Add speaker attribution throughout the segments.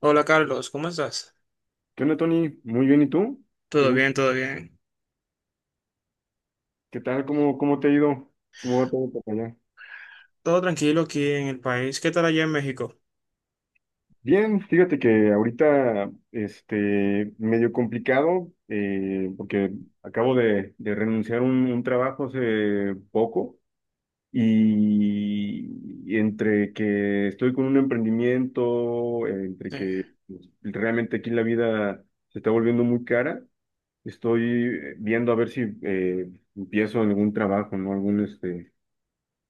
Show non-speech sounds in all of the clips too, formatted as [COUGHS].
Speaker 1: Hola Carlos, ¿cómo estás?
Speaker 2: ¿Qué onda, Tony? Muy bien, ¿y tú? ¿Qué
Speaker 1: Todo
Speaker 2: gusto?
Speaker 1: bien, todo bien.
Speaker 2: ¿Qué tal? ¿Cómo te ha ido? ¿Cómo va todo por allá?
Speaker 1: Todo tranquilo aquí en el país. ¿Qué tal allá en México?
Speaker 2: Bien, fíjate que ahorita, medio complicado, porque acabo de renunciar a un trabajo hace poco y, entre que estoy con un emprendimiento, entre
Speaker 1: Sí,
Speaker 2: que pues, realmente aquí la vida se está volviendo muy cara, estoy viendo a ver si empiezo algún trabajo, ¿no? Algún, este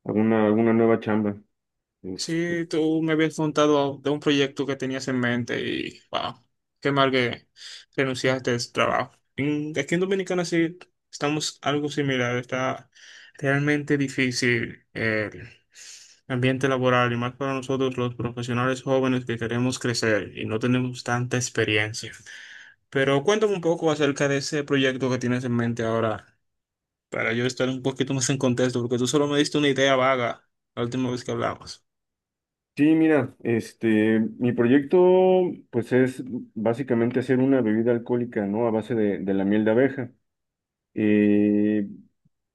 Speaker 2: alguna, alguna nueva chamba. Este,
Speaker 1: sí, tú me habías contado de un proyecto que tenías en mente y, wow, qué mal que renunciaste a ese trabajo. Aquí en Dominicana sí estamos algo similar. Está realmente difícil el ambiente laboral y más para nosotros los profesionales jóvenes que queremos crecer y no tenemos tanta experiencia. Pero cuéntame un poco acerca de ese proyecto que tienes en mente ahora, para yo estar un poquito más en contexto, porque tú solo me diste una idea vaga la última vez que hablamos.
Speaker 2: sí, mira, mi proyecto, pues es básicamente hacer una bebida alcohólica, ¿no? A base de la miel de abeja. Eh,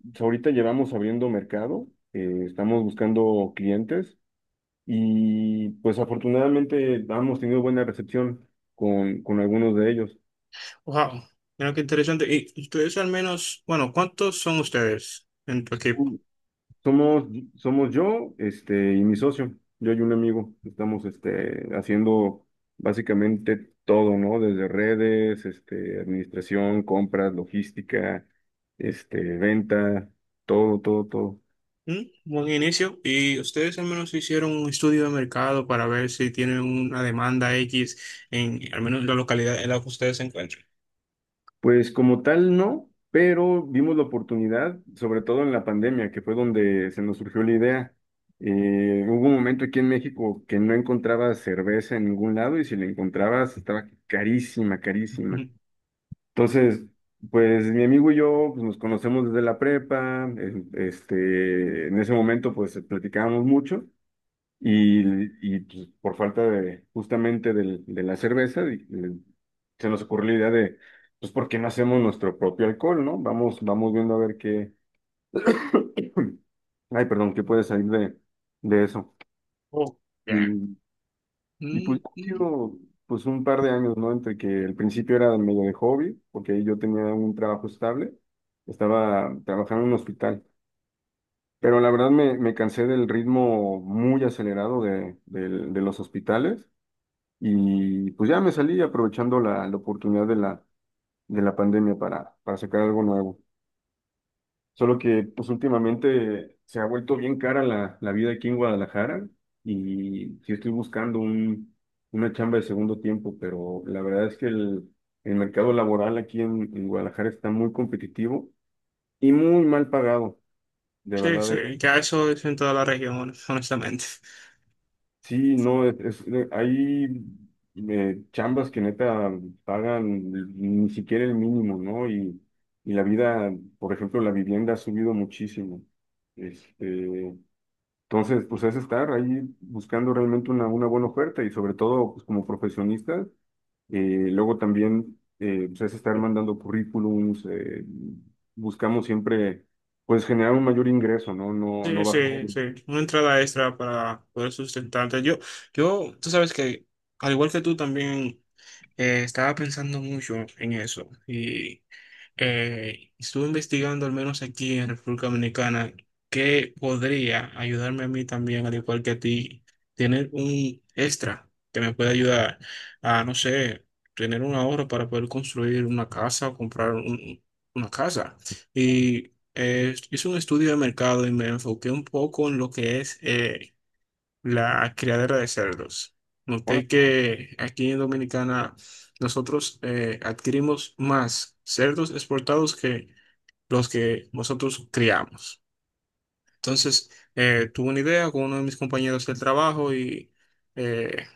Speaker 2: pues, ahorita llevamos abriendo mercado, estamos buscando clientes y pues afortunadamente hemos tenido buena recepción con algunos de ellos.
Speaker 1: Wow, mira qué interesante. Y ustedes al menos, bueno, ¿cuántos son ustedes en tu equipo?
Speaker 2: Somos, somos yo, y mi socio. Yo y un amigo. Estamos, haciendo básicamente todo, ¿no? Desde redes, administración, compras, logística, venta, todo, todo, todo.
Speaker 1: ¿Mm? Buen inicio. Y ustedes al menos hicieron un estudio de mercado para ver si tienen una demanda X en al menos en la localidad en la que ustedes se encuentran.
Speaker 2: Pues como tal, no, pero vimos la oportunidad, sobre todo en la pandemia, que fue donde se nos surgió la idea. Hubo un momento aquí en México que no encontraba cerveza en ningún lado, y si la encontrabas estaba carísima, carísima.
Speaker 1: Ujú.
Speaker 2: Entonces, pues mi amigo y yo pues, nos conocemos desde la prepa, en ese momento pues platicábamos mucho y, pues, por falta de justamente de la cerveza se nos ocurrió la idea de, pues, ¿por qué no hacemos nuestro propio alcohol, no? Vamos viendo a ver qué, [COUGHS] [CLEARS THROAT] ay, perdón, qué puede salir de eso.
Speaker 1: Oh, ya.
Speaker 2: Y pues
Speaker 1: Mm,
Speaker 2: ha
Speaker 1: mm.
Speaker 2: sido pues un par de años, ¿no? Entre que el principio era medio de hobby, porque ahí yo tenía un trabajo estable, estaba trabajando en un hospital, pero la verdad me cansé del ritmo muy acelerado de los hospitales, y pues ya me salí aprovechando la oportunidad de la pandemia para sacar algo nuevo. Solo que pues últimamente se ha vuelto bien cara la vida aquí en Guadalajara, y sí estoy buscando una chamba de segundo tiempo, pero la verdad es que el mercado laboral aquí en Guadalajara está muy competitivo y muy mal pagado. De
Speaker 1: Sí,
Speaker 2: verdad,
Speaker 1: sí,
Speaker 2: es,
Speaker 1: ya eso es en toda la región, honestamente.
Speaker 2: sí, no, es, hay chambas que neta pagan ni siquiera el mínimo, ¿no? Y la vida, por ejemplo, la vivienda ha subido muchísimo. Este, Entonces, pues es estar ahí buscando realmente una buena oferta, y sobre todo pues, como profesionistas. Luego también pues, es estar mandando currículums, buscamos siempre pues generar un mayor ingreso, ¿no? No, no
Speaker 1: Sí,
Speaker 2: bajar.
Speaker 1: sí, sí. Una entrada extra para poder sustentarte. Yo, tú sabes que, al igual que tú también, estaba pensando mucho en eso. Y estuve investigando, al menos aquí en República Dominicana, que podría ayudarme a mí también, al igual que a ti, tener un extra que me pueda ayudar a, no sé, tener un ahorro para poder construir una casa o comprar una casa. Y hice un estudio de mercado y me enfoqué un poco en lo que es la criadera de cerdos.
Speaker 2: Ahora,
Speaker 1: Noté que aquí en Dominicana nosotros adquirimos más cerdos exportados que los que nosotros criamos. Entonces, tuve una idea con uno de mis compañeros del trabajo y eh,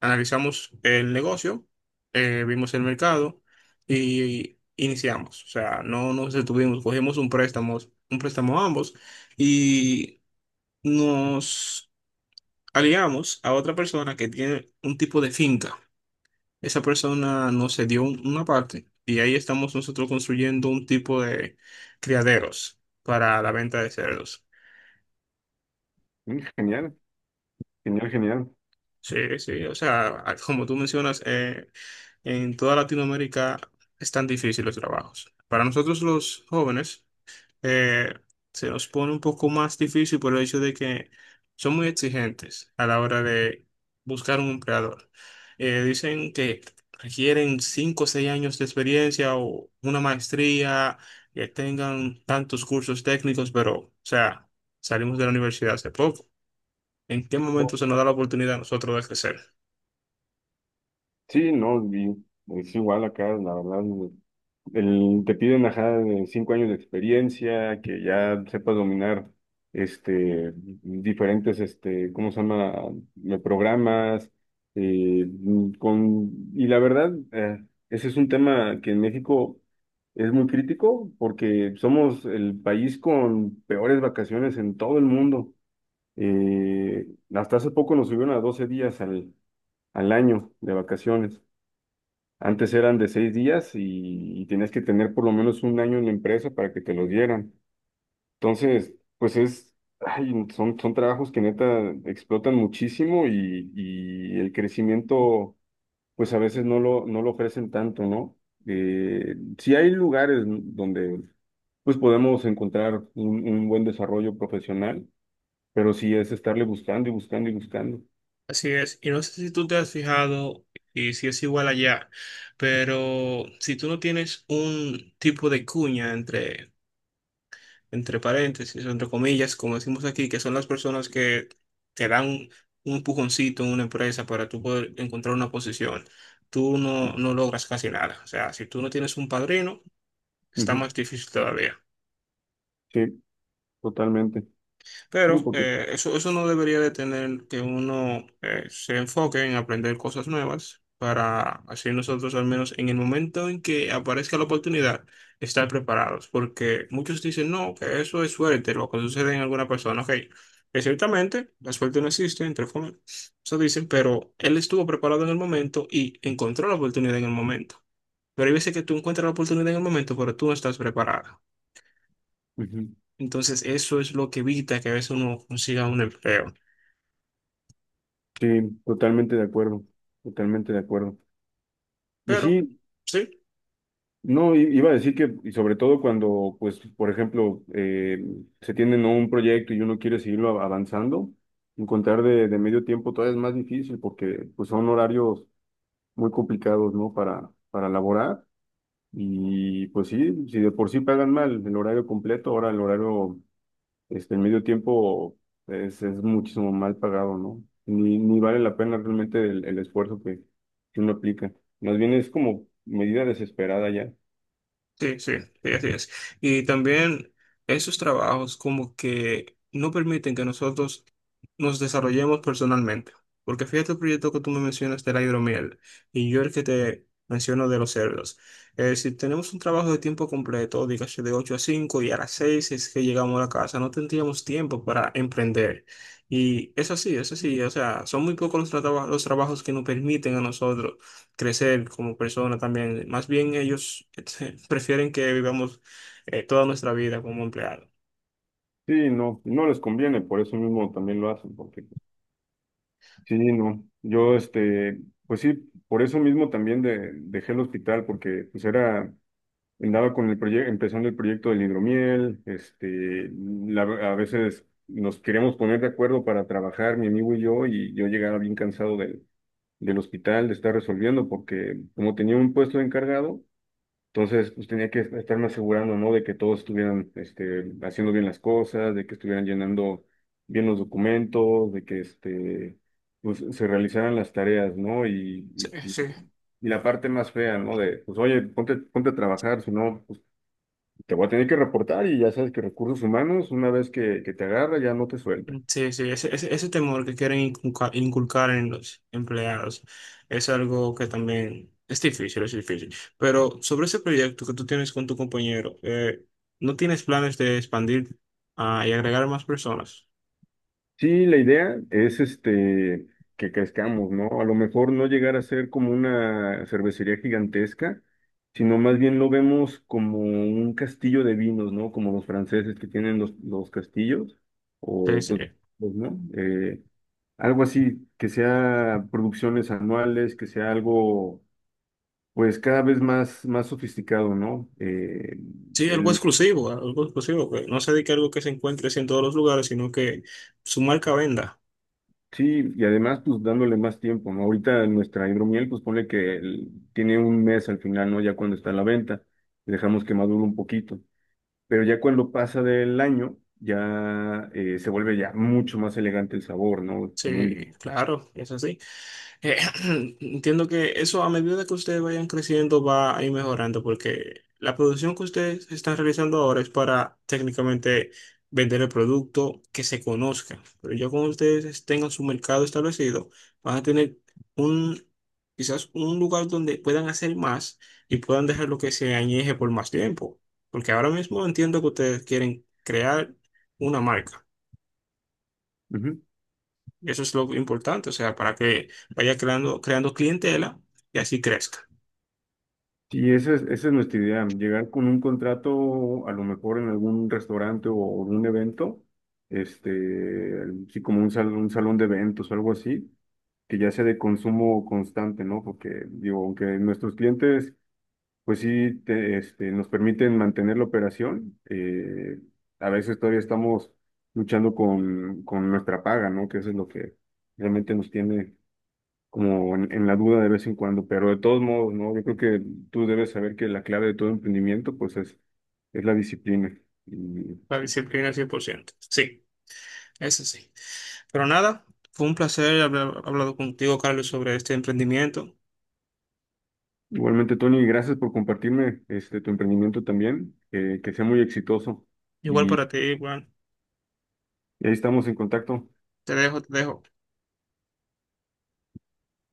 Speaker 1: analizamos el negocio, vimos el mercado y iniciamos. O sea, no nos detuvimos, cogimos un préstamo ambos y nos aliamos a otra persona que tiene un tipo de finca. Esa persona nos cedió una parte y ahí estamos nosotros construyendo un tipo de criaderos para la venta de cerdos.
Speaker 2: genial, genial, genial.
Speaker 1: Sí, sí, o sea, como tú mencionas, en toda Latinoamérica están difíciles los trabajos. Para nosotros los jóvenes, eh, se nos pone un poco más difícil por el hecho de que son muy exigentes a la hora de buscar un empleador. Dicen que requieren 5 o 6 años de experiencia o una maestría, que tengan tantos cursos técnicos, pero, o sea, salimos de la universidad hace poco. ¿En qué momento se nos da la oportunidad a nosotros de crecer?
Speaker 2: Sí, no, sí, no, y es igual acá, la verdad. Te piden ajá, de 5 años de experiencia, que ya sepas dominar diferentes, ¿cómo se llama? Programas. eh, y la verdad, ese es un tema que en México es muy crítico porque somos el país con peores vacaciones en todo el mundo. Eh, Hasta hace poco nos subieron a 12 días al año de vacaciones. Antes eran de 6 días, y tenías que tener por lo menos un año en la empresa para que te los dieran. Entonces, pues es, ay, son trabajos que neta explotan muchísimo, y el crecimiento, pues a veces no lo ofrecen tanto, ¿no? Sí hay lugares donde pues podemos encontrar un buen desarrollo profesional, pero sí es estarle buscando y buscando y buscando.
Speaker 1: Así es, y no sé si tú te has fijado y si es igual allá. Pero si tú no tienes un tipo de cuña entre paréntesis, entre comillas, como decimos aquí, que son las personas que te dan un empujoncito en una empresa para tú poder encontrar una posición, tú no, no logras casi nada. O sea, si tú no tienes un padrino, está
Speaker 2: Ujú.
Speaker 1: más difícil todavía.
Speaker 2: Sí, totalmente. Sí,
Speaker 1: Pero
Speaker 2: porque.
Speaker 1: eso no debería detener que uno se enfoque en aprender cosas nuevas para así nosotros al menos en el momento en que aparezca la oportunidad estar preparados. Porque muchos dicen, no, que eso es suerte, lo que sucede en alguna persona. Ok, que ciertamente la suerte no existe, entre comillas, eso dicen, pero él estuvo preparado en el momento y encontró la oportunidad en el momento. Pero hay veces que tú encuentras la oportunidad en el momento, pero tú no estás preparado.
Speaker 2: Ujú.
Speaker 1: Entonces, eso es lo que evita que a veces uno consiga un empleo.
Speaker 2: Sí, totalmente de acuerdo, totalmente de acuerdo. Y
Speaker 1: Pero
Speaker 2: sí,
Speaker 1: sí,
Speaker 2: no, iba a decir que, y sobre todo cuando, pues, por ejemplo, se tiene ¿no? un proyecto y uno quiere seguirlo avanzando, encontrar de medio tiempo todavía es más difícil porque, pues, son horarios muy complicados, ¿no? Para laborar. Y, pues, sí, si de por sí pagan mal el horario completo, ahora el medio tiempo es muchísimo mal pagado, ¿no? Ni vale la pena realmente el esfuerzo que uno aplica. Más bien es como medida desesperada ya.
Speaker 1: sí, sí, sí, así es. Y también esos trabajos como que no permiten que nosotros nos desarrollemos personalmente. Porque fíjate el proyecto que tú me mencionas de la hidromiel y yo el que te menciono de los cerdos. Si tenemos un trabajo de tiempo completo, dígase de 8 a 5 y a las 6 es que llegamos a la casa, no tendríamos tiempo para emprender. Y es así, es así. O sea, son muy pocos los, los trabajos que nos permiten a nosotros crecer como persona también. Más bien ellos [LAUGHS] prefieren que vivamos toda nuestra vida como empleados.
Speaker 2: Sí, no, no les conviene, por eso mismo también lo hacen, porque sí, no. Yo, pues sí, por eso mismo también dejé el hospital, porque pues era, andaba con el proyecto, empezando el proyecto del hidromiel, la- a veces nos queríamos poner de acuerdo para trabajar, mi amigo y yo llegaba bien cansado del hospital, de estar resolviendo, porque como tenía un puesto de encargado, entonces pues tenía que estarme asegurando, ¿no? De que todos estuvieran haciendo bien las cosas, de que estuvieran llenando bien los documentos, de que pues, se realizaran las tareas, ¿no?
Speaker 1: Sí,
Speaker 2: Y, y-
Speaker 1: sí.
Speaker 2: y la parte más fea, ¿no? Pues oye, ponte, ponte a trabajar, si no, pues te voy a tener que reportar, y ya sabes que recursos humanos, una vez que te agarra, ya no te suelta.
Speaker 1: Sí, sí, ese temor que quieren inculcar, en los empleados es algo que también es difícil, es difícil. Pero sobre ese proyecto que tú tienes con tu compañero, ¿no tienes planes de expandir y agregar más personas?
Speaker 2: Sí, la idea es que crezcamos, ¿no? A lo mejor no llegar a ser como una cervecería gigantesca, sino más bien lo vemos como un castillo de vinos, ¿no? Como los franceses que tienen los castillos,
Speaker 1: Sí,
Speaker 2: o
Speaker 1: sí.
Speaker 2: pues, ¿no? Algo así, que sea producciones anuales, que sea algo, pues cada vez más, sofisticado, ¿no?
Speaker 1: Sí, algo exclusivo, que no se dedique a algo que se encuentre así en todos los lugares, sino que su marca venda.
Speaker 2: Sí, y además, pues dándole más tiempo, ¿no? Ahorita nuestra hidromiel, pues pone que tiene un mes al final, ¿no? Ya cuando está a la venta, dejamos que madure un poquito. Pero ya cuando pasa del año, ya se vuelve ya mucho más elegante el sabor, ¿no?
Speaker 1: Sí, claro, es así. Eh, [CLEARS THROAT] Entiendo que eso a medida que ustedes vayan creciendo va a ir mejorando porque la producción que ustedes están realizando ahora es para técnicamente vender el producto que se conozca. Pero ya cuando ustedes tengan su mercado establecido, van a tener un, quizás un lugar donde puedan hacer más y puedan dejar lo que se añeje por más tiempo. Porque ahora mismo entiendo que ustedes quieren crear una marca. Eso es lo importante, o sea, para que vaya creando, creando clientela y así crezca.
Speaker 2: Sí, esa es nuestra idea, llegar con un contrato a lo mejor en algún restaurante o un evento, este, sí, como un salón, de eventos o algo así, que ya sea de consumo constante, ¿no? Porque digo, aunque nuestros clientes, pues sí, nos permiten mantener la operación, a veces todavía estamos luchando con nuestra paga, ¿no? Que eso es lo que realmente nos tiene como en la duda de vez en cuando, pero de todos modos, ¿no? Yo creo que tú debes saber que la clave de todo emprendimiento, pues es la disciplina. Y
Speaker 1: La disciplina al 100%. Sí, eso sí. Pero nada, fue un placer haber hablado contigo, Carlos, sobre este emprendimiento.
Speaker 2: igualmente, Tony, gracias por compartirme tu emprendimiento también, que sea muy exitoso,
Speaker 1: Igual
Speaker 2: y
Speaker 1: para ti, bueno,
Speaker 2: ahí estamos en contacto.
Speaker 1: te dejo, te dejo.